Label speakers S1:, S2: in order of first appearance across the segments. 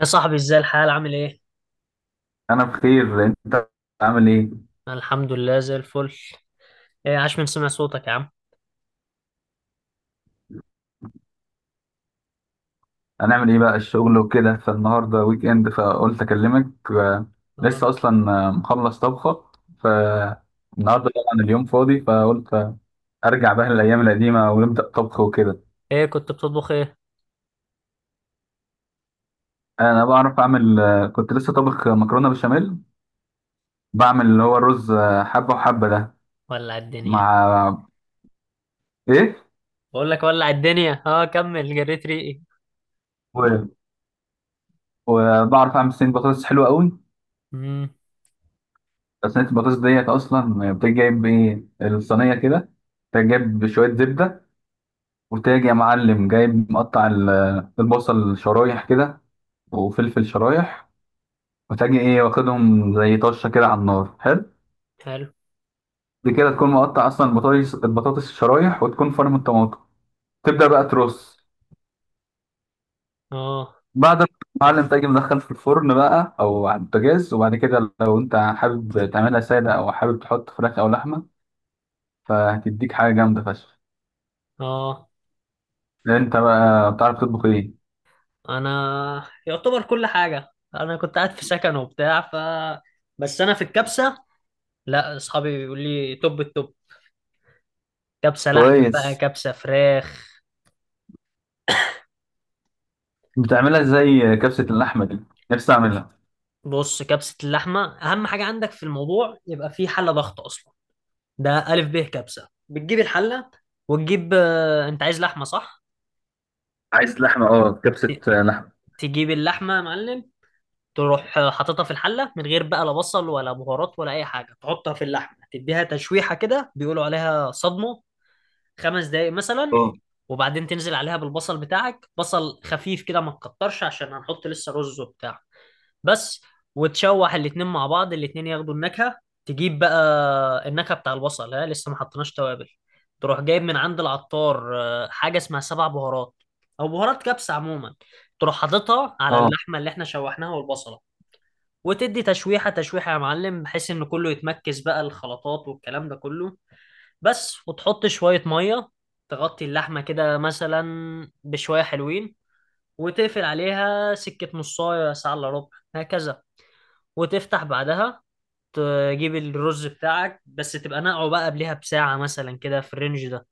S1: يا صاحبي، ازاي الحال عامل ايه؟
S2: انا بخير. انت عامل ايه؟
S1: أنا الحمد لله زي الفل. ايه، عاش من سمع صوتك يا عم.
S2: هنعمل ايه بقى الشغل وكده فالنهارده ويك اند فقلت اكلمك لسه
S1: آه.
S2: اصلا، مخلص طبخه. فالنهارده طبعا اليوم فاضي، فقلت ارجع بقى للايام القديمه ونبدا طبخ وكده.
S1: ايه كنت بتطبخ ايه؟
S2: انا بعرف اعمل، كنت لسه طابخ مكرونه بشاميل. بعمل اللي هو الرز، حبه وحبه ده.
S1: ولع الدنيا.
S2: مع ايه
S1: بقول لك ولع الدنيا، اه كمل جريت ريقي.
S2: و- وبعرف اعمل صينيه بطاطس حلوه قوي.
S1: امم.
S2: صينيه البطاطس ديت اصلا بتجيب ايه الصينيه كده؟ تجيب شويه زبده، وتاج يا معلم جايب مقطع البصل شرايح كده، وفلفل شرايح، وتاجي ايه واخدهم زي طشه كده على النار حلو.
S1: حلو.
S2: دي كده تكون مقطع اصلا البطاطس البطاطس شرايح، وتكون فرم الطماطم. تبدا بقى ترص
S1: اه،
S2: بعد ما المعلم تاجي مدخل في الفرن بقى او على البوتاجاز. وبعد كده لو انت حابب تعملها ساده، او حابب تحط فراخ او لحمه، فهتديك حاجه جامده فشخ.
S1: اه،
S2: انت بقى بتعرف تطبخ ايه؟
S1: انا يعتبر كل حاجة، انا كنت قاعد في سكن وبتاع، بس انا في الكبسة. لا، اصحابي بيقول لي توب التوب، كبسة لحمة بقى
S2: كويس.
S1: كبسة فراخ.
S2: بتعملها زي كبسه اللحمه دي؟ نفسي اعملها.
S1: بص، كبسة اللحمة اهم حاجة عندك في الموضوع يبقى في حلة ضغط اصلا. ده ألف ب كبسة، بتجيب الحلة وتجيب، أنت عايز لحمة صح؟
S2: عايز لحمة، اه. كبسة،
S1: ت-
S2: لحمة.
S1: تجيب اللحمة يا معلم. تروح حاططها في الحلة من غير بقى لا بصل ولا بهارات ولا أي حاجة، تحطها في اللحمة تديها تشويحة كده، بيقولوا عليها صدمة، خمس دقايق مثلا.
S2: اه،
S1: وبعدين تنزل عليها بالبصل بتاعك، بصل خفيف كده، ما تكترش عشان هنحط لسه رز وبتاع. بس، وتشوح الاتنين مع بعض، الاتنين ياخدوا النكهة. تجيب بقى النكهة بتاع البصل، ها لسه ما حطيناش توابل. تروح جايب من عند العطار حاجة اسمها سبع بهارات، أو بهارات كبسة عموما. تروح حاططها على
S2: اه.
S1: اللحمة اللي احنا شوحناها والبصلة، وتدي تشويحة، تشويحة يا معلم، بحيث إن كله يتمركز بقى، الخلطات والكلام ده كله. بس، وتحط شوية مية تغطي اللحمة كده مثلا، بشوية حلوين، وتقفل عليها سكة نصاية ساعة إلا ربع، هكذا. وتفتح بعدها، تجيب الرز بتاعك، بس تبقى نقعه بقى قبلها بساعة مثلا كده في الرينج ده،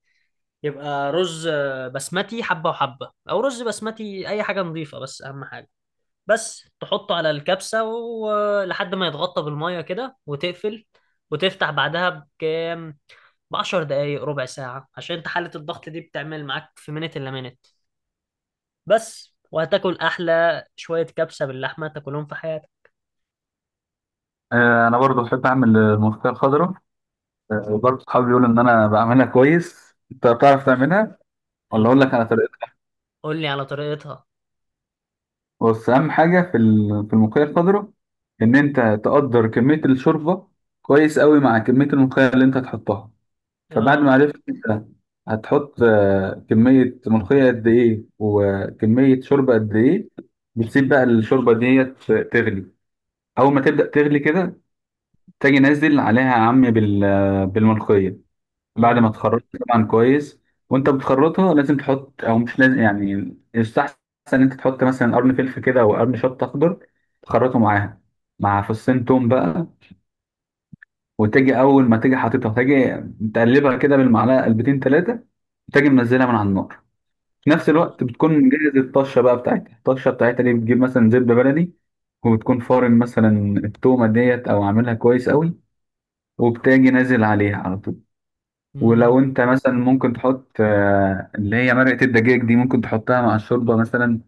S1: يبقى رز بسمتي حبة وحبة، أو رز بسمتي، أي حاجة نظيفة، بس أهم حاجة، بس تحطه على الكبسة، ولحد ما يتغطى بالمية كده وتقفل. وتفتح بعدها بكام؟ بعشر دقايق، ربع ساعة، عشان انت حالة الضغط دي بتعمل معاك في منت إلا منت. بس، وهتاكل أحلى شوية كبسة باللحمة تاكلهم في حياتك.
S2: انا برضو بحب اعمل الملوخيه الخضراء. برضو صحابي بيقولوا ان انا بعملها كويس. انت بتعرف تعملها ولا اقول
S1: المهم،
S2: لك على طريقتها؟
S1: قول لي على طريقتها.
S2: بس اهم حاجه في في الملوخيه الخضراء ان انت تقدر كميه الشوربه كويس قوي مع كميه الملوخيه اللي انت هتحطها. فبعد ما
S1: اه.
S2: عرفت انت هتحط كميه ملوخيه قد ايه وكميه شوربه قد ايه، بتسيب بقى الشوربه ديت تغلي. اول ما تبدا تغلي كده، تجي نازل عليها يا عم بالملقية بعد ما
S1: اه.
S2: تخرطها طبعا كويس. وانت بتخرطها لازم تحط، او مش لازم، يعني يستحسن ان انت تحط مثلا قرن فلفل كده او قرن شطة اخضر تخرطه معاها، مع فصين توم بقى. وتجي اول ما تجي حاططها، تجي متقلبها كده بالمعلقة قلبتين ثلاثة، وتجي منزلها من على النار. في نفس
S1: اه.
S2: الوقت بتكون مجهز الطشة بقى بتاعتها. الطشة بتاعتها دي بتجيب مثلا زبدة بلدي، وبتكون فارم مثلا التومة ديت، او عاملها كويس قوي، وبتاجي نازل عليها على طول.
S1: امم.
S2: ولو انت مثلا، ممكن تحط اللي هي مرقة الدجاج دي ممكن تحطها مع الشوربة مثلا.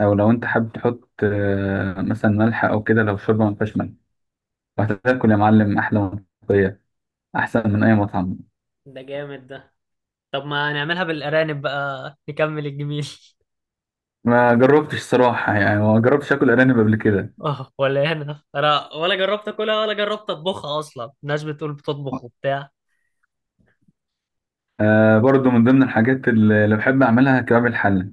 S2: او لو انت حابب تحط مثلا ملح او كده لو الشوربة ما فيهاش ملح، وهتاكل يا معلم احلى ملوخية، احسن من اي مطعم.
S1: ده جامد ده. طب ما نعملها بالارانب بقى، نكمل الجميل.
S2: ما جربتش صراحة، يعني ما جربتش اكل ارانب قبل كده.
S1: اه، ولا هنا، انا ولا جربت اكلها ولا جربت اطبخها اصلا، الناس بتقول بتطبخ وبتاع.
S2: آه، برضو من ضمن الحاجات اللي بحب اعملها كباب الحلة.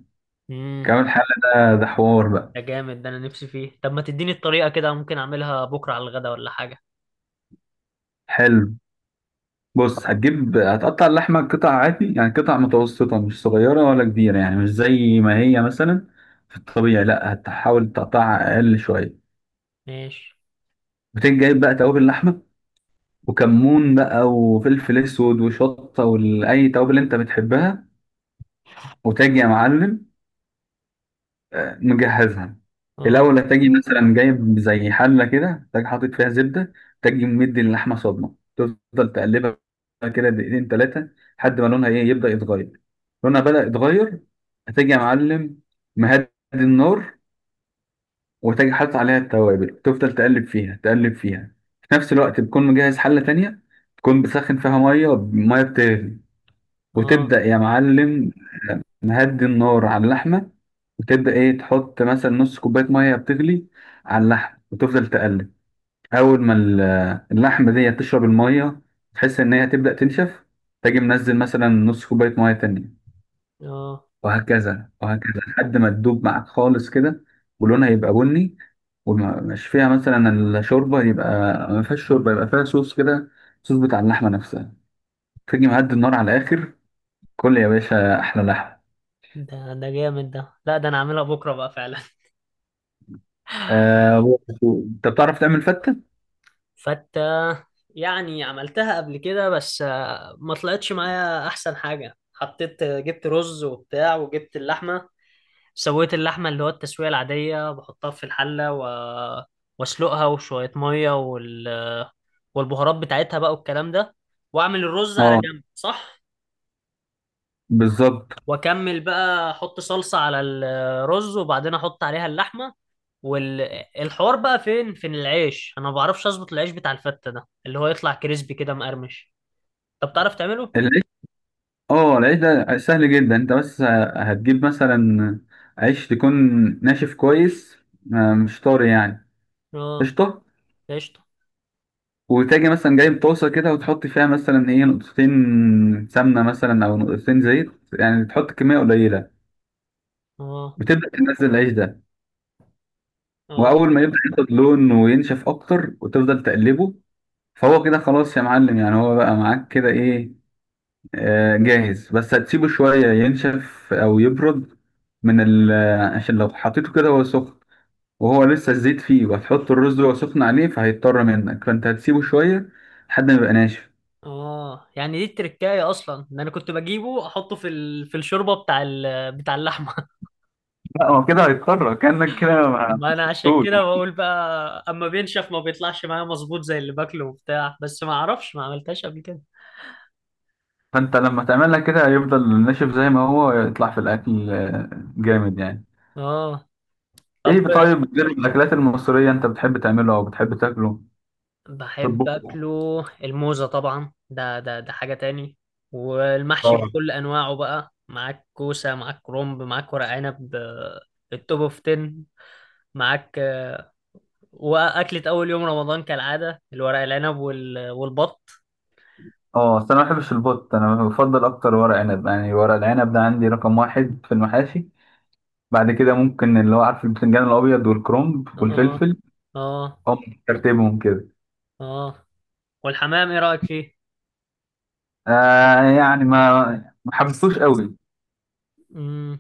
S1: امم.
S2: كباب الحلة ده حوار بقى.
S1: ده جامد ده، انا نفسي فيه. طب ما تديني الطريقه كده، ممكن اعملها بكره على الغدا ولا حاجه.
S2: حلو. بص، هتقطع اللحمة قطع عادي، يعني قطع متوسطة، مش صغيرة ولا كبيرة، يعني مش زي ما هي مثلا في الطبيعي، لا، هتحاول تقطعها أقل شوية.
S1: ماشي.
S2: وتيجي جايب بقى توابل اللحمة، وكمون بقى، وفلفل أسود، وشطة، وأي توابل أنت بتحبها. وتاجي يا معلم مجهزها.
S1: اه.
S2: الاول، هتجي مثلا جايب زي حله كده، تجي حاطط فيها زبده، تجي مدي اللحمه صدمه، تفضل تقلبها كده دقيقتين ثلاثه لحد ما لونها ايه يبدا يتغير. لونها بدا يتغير، هتجي يا معلم مهدي النار، وتجي حاطط عليها التوابل، تفضل تقلب فيها تقلب فيها. في نفس الوقت تكون مجهز حله تانية تكون بتسخن فيها ميه، ميه بتغلي.
S1: اه.
S2: وتبدا يا معلم نهدي النار على اللحمة، وتبدأ إيه تحط مثلا نص كوباية مية بتغلي على اللحم، وتفضل تقلب. أول ما اللحمة دي تشرب المية، تحس إن هي تبدأ تنشف، تجي منزل مثلا نص كوباية مية تانية،
S1: اه.
S2: وهكذا وهكذا، لحد ما تدوب معاك خالص كده، ولونها يبقى بني، ومش فيها مثلا الشوربة، يبقى ما فيهاش شوربة، يبقى فيها صوص كده، صوص بتاع اللحمة نفسها. تيجي مهدي النار على الآخر، كل يا باشا أحلى لحمة.
S1: ده ده جامد ده، لا ده انا اعملها بكره بقى فعلا.
S2: انت بتعرف تعمل فتة؟
S1: فتة؟ يعني عملتها قبل كده، بس ما طلعتش معايا احسن حاجة. حطيت، جبت رز وبتاع، وجبت اللحمة، سويت اللحمة اللي هو التسوية العادية، بحطها في الحلة واسلقها، وشوية مية، والبهارات بتاعتها بقى والكلام ده، واعمل الرز على
S2: اه،
S1: جنب، صح؟
S2: بالظبط.
S1: واكمل بقى احط صلصة على الرز، وبعدين احط عليها اللحمة. والحوار بقى فين، فين العيش؟ انا ما بعرفش اظبط العيش بتاع الفتة ده، اللي هو يطلع كريسبي كده مقرمش. طب تعرف تعمله؟
S2: العيش؟ اه، العيش ده سهل جدا. انت بس هتجيب مثلا عيش تكون ناشف كويس، مش طري يعني.
S1: اه.
S2: قشطة.
S1: قشطة.
S2: وتاجي مثلا جايب طاسة كده، وتحط فيها مثلا ايه نقطتين سمنة مثلا أو نقطتين زيت، يعني تحط كمية قليلة.
S1: اه.
S2: وتبدأ تنزل العيش ده،
S1: اه.
S2: وأول ما يبدأ ياخد لون وينشف أكتر، وتفضل تقلبه. فهو كده خلاص يا معلم، يعني هو بقى معاك كده ايه، جاهز. بس هتسيبه شوية ينشف أو يبرد من ال آه، عشان لو حطيته كده وهو سخن، وهو لسه الزيت فيه، وهتحط الرز وهو سخن عليه، فهيضطر منك. فأنت هتسيبه شوية لحد ما يبقى ناشف.
S1: اه، يعني دي التركايه اصلا؟ ده انا كنت بجيبه احطه في الشوربه بتاع اللحمه.
S2: لا، هو كده هيضطر كأنك كده. ما
S1: ما انا عشان
S2: سبتوش،
S1: كده بقول بقى، اما بينشف ما بيطلعش معايا مظبوط زي اللي باكله وبتاع، بس ما اعرفش، ما عملتهاش قبل كده.
S2: فأنت لما تعملها كده هيفضل ناشف زي ما هو يطلع في الأكل، جامد يعني.
S1: اه. طب.
S2: إيه، طيب، غير الأكلات المصرية أنت بتحب تعمله أو بتحب تاكله
S1: بحب
S2: تطبخه؟
S1: اكله الموزه طبعا، ده ده ده حاجه تاني. والمحشي بكل انواعه بقى، معاك كوسه، معاك كرنب، معاك ورق عنب، التوب اوف 10. معاك. واكلة اول يوم رمضان كالعادة، الورق العنب والبط.
S2: اه، بس انا ما بحبش البط. انا بفضل اكتر ورق عنب، يعني ورق العنب ده عندي رقم واحد في المحاشي. بعد كده ممكن اللي هو عارف البتنجان الابيض والكرنب
S1: اه.
S2: والفلفل،
S1: اه.
S2: هم ترتيبهم كده.
S1: اه. والحمام، ايه رأيك فيه؟
S2: آه، يعني ما ما حبستوش قوي،
S1: امم.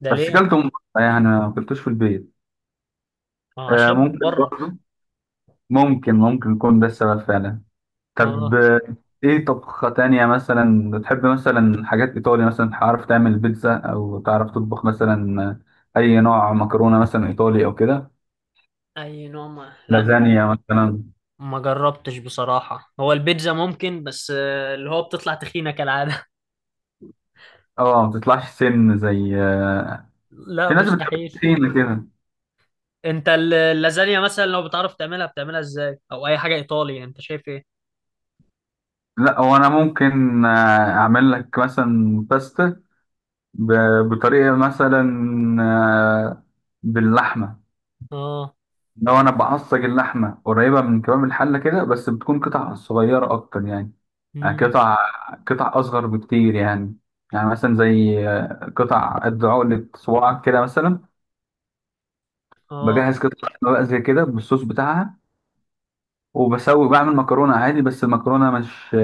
S1: ده
S2: بس
S1: ليه؟
S2: كلتهم بره، يعني ما كلتوش في البيت.
S1: ما هو
S2: آه،
S1: عشان من
S2: ممكن
S1: بره.
S2: برضه. ممكن يكون ده السبب فعلا. طب،
S1: اه.
S2: ايه طبخة تانية مثلا بتحب؟ مثلا حاجات ايطالي مثلا، تعرف تعمل بيتزا او تعرف تطبخ مثلا اي نوع مكرونة مثلا ايطالي او كده؟
S1: اي نوع؟ ما لا،
S2: لازانيا مثلا؟
S1: ما جربتش بصراحة، هو البيتزا ممكن، بس اللي هو بتطلع تخينة كالعادة.
S2: اه، ما بتطلعش سن زي
S1: لا،
S2: في ناس بتحب
S1: مستحيل.
S2: التخينة كده.
S1: انت اللازانيا مثلا لو بتعرف تعملها، بتعملها ازاي، او اي حاجة ايطالي، يعني انت شايف ايه؟
S2: لا، هو انا ممكن اعمل لك مثلا باستا بطريقة مثلا، آه، باللحمة.
S1: اه.
S2: لو انا بعصج اللحمة قريبة من كمام الحلة كده، بس بتكون قطع صغيرة اكتر يعني، يعني
S1: امم.
S2: قطع قطع اصغر بكتير يعني، يعني مثلا زي قطع قد عقلة صباعك كده مثلا.
S1: اه،
S2: بجهز قطع لحمة بقى زي كده بالصوص بتاعها، وبسوي بعمل مكرونة عادي. بس المكرونة مش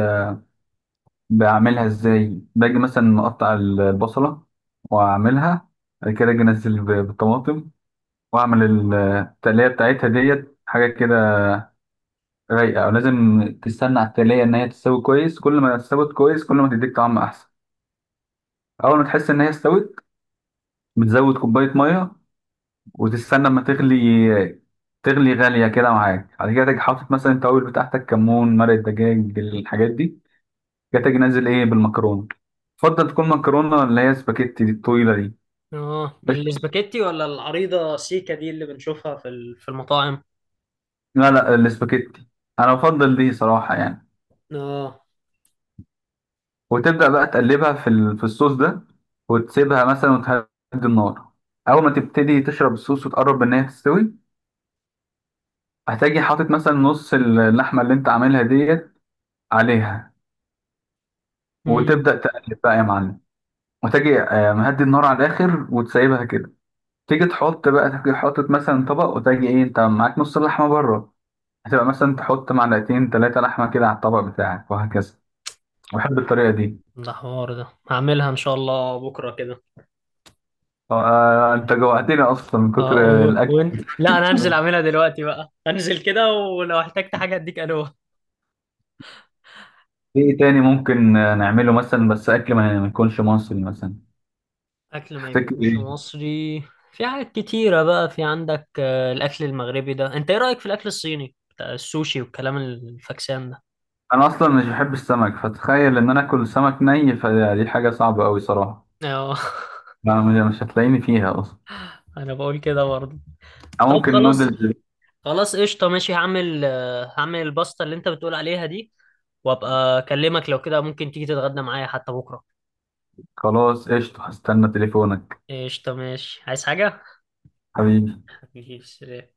S2: بعملها ازاي؟ باجي مثلا مقطع البصلة واعملها، بعد كده اجي انزل بالطماطم، واعمل التقلية بتاعتها ديت، حاجة كده رايقة. ولازم تستنى على التقلية ان هي تستوي كويس، كل ما استوت كويس كل ما تديك طعم احسن. اول ما تحس ان هي استوت، بتزود كوباية مية وتستنى اما تغلي، تغلي غالية كده معاك. بعد كده تيجي حاطط مثلا التوابل بتاعتك، كمون، مرق دجاج، الحاجات دي. جاتك نازل ايه بالمكرونه. افضل تكون مكرونه اللي هي سباكيتي دي الطويله دي.
S1: اه
S2: قشطة.
S1: الاسباجيتي ولا العريضة سيكا دي اللي بنشوفها في المطاعم؟
S2: لا، لا، السباكيتي، انا بفضل دي صراحه يعني.
S1: اه.
S2: وتبدا بقى تقلبها في في الصوص ده، وتسيبها مثلا وتهدي النار. اول ما تبتدي تشرب الصوص وتقرب ان هي تستوي، هتجي حاطط مثلا نص اللحمه اللي انت عاملها ديت عليها،
S1: امم.
S2: وتبدا تقلب بقى يا معلم. وتجي مهدي النار على الاخر وتسيبها كده. تيجي تحط بقى، تيجي حاطط مثلا طبق، وتجي ايه انت معاك نص اللحمه بره، هتبقى مثلا تحط معلقتين ثلاثة لحمة كده على الطبق بتاعك، وهكذا. بحب الطريقة دي.
S1: ده حوار ده، هعملها ان شاء الله بكرة كده.
S2: انت جوعتني اصلا من
S1: اه،
S2: كتر الاكل.
S1: وانت، لا انا هنزل اعملها دلوقتي بقى، هنزل كده، ولو احتجت حاجة اديك الوه.
S2: في ايه تاني ممكن نعمله مثلا، بس اكل ما ما يكونش مصري مثلا؟
S1: اكل ما
S2: تفتكر
S1: يكونش
S2: ايه؟
S1: مصري؟ في حاجات كتيرة بقى. في عندك الاكل المغربي ده، انت ايه رأيك في الاكل الصيني بتاع السوشي والكلام الفاكسان ده؟
S2: انا اصلا مش بحب السمك، فتخيل ان انا اكل سمك ني، فدي حاجة صعبة قوي صراحة.
S1: اه.
S2: ما- مش هتلاقيني فيها اصلا.
S1: انا بقول كده برضه.
S2: او
S1: طب
S2: ممكن
S1: خلاص،
S2: نودلز.
S1: خلاص قشطة، ماشي، هعمل الباستا اللي انت بتقول عليها دي، وابقى اكلمك، لو كده ممكن تيجي تتغدى معايا حتى بكرة.
S2: خلاص قشطة، هستنى تليفونك.
S1: قشطة ماشي، عايز حاجة؟
S2: حبيبي.
S1: حبيبي.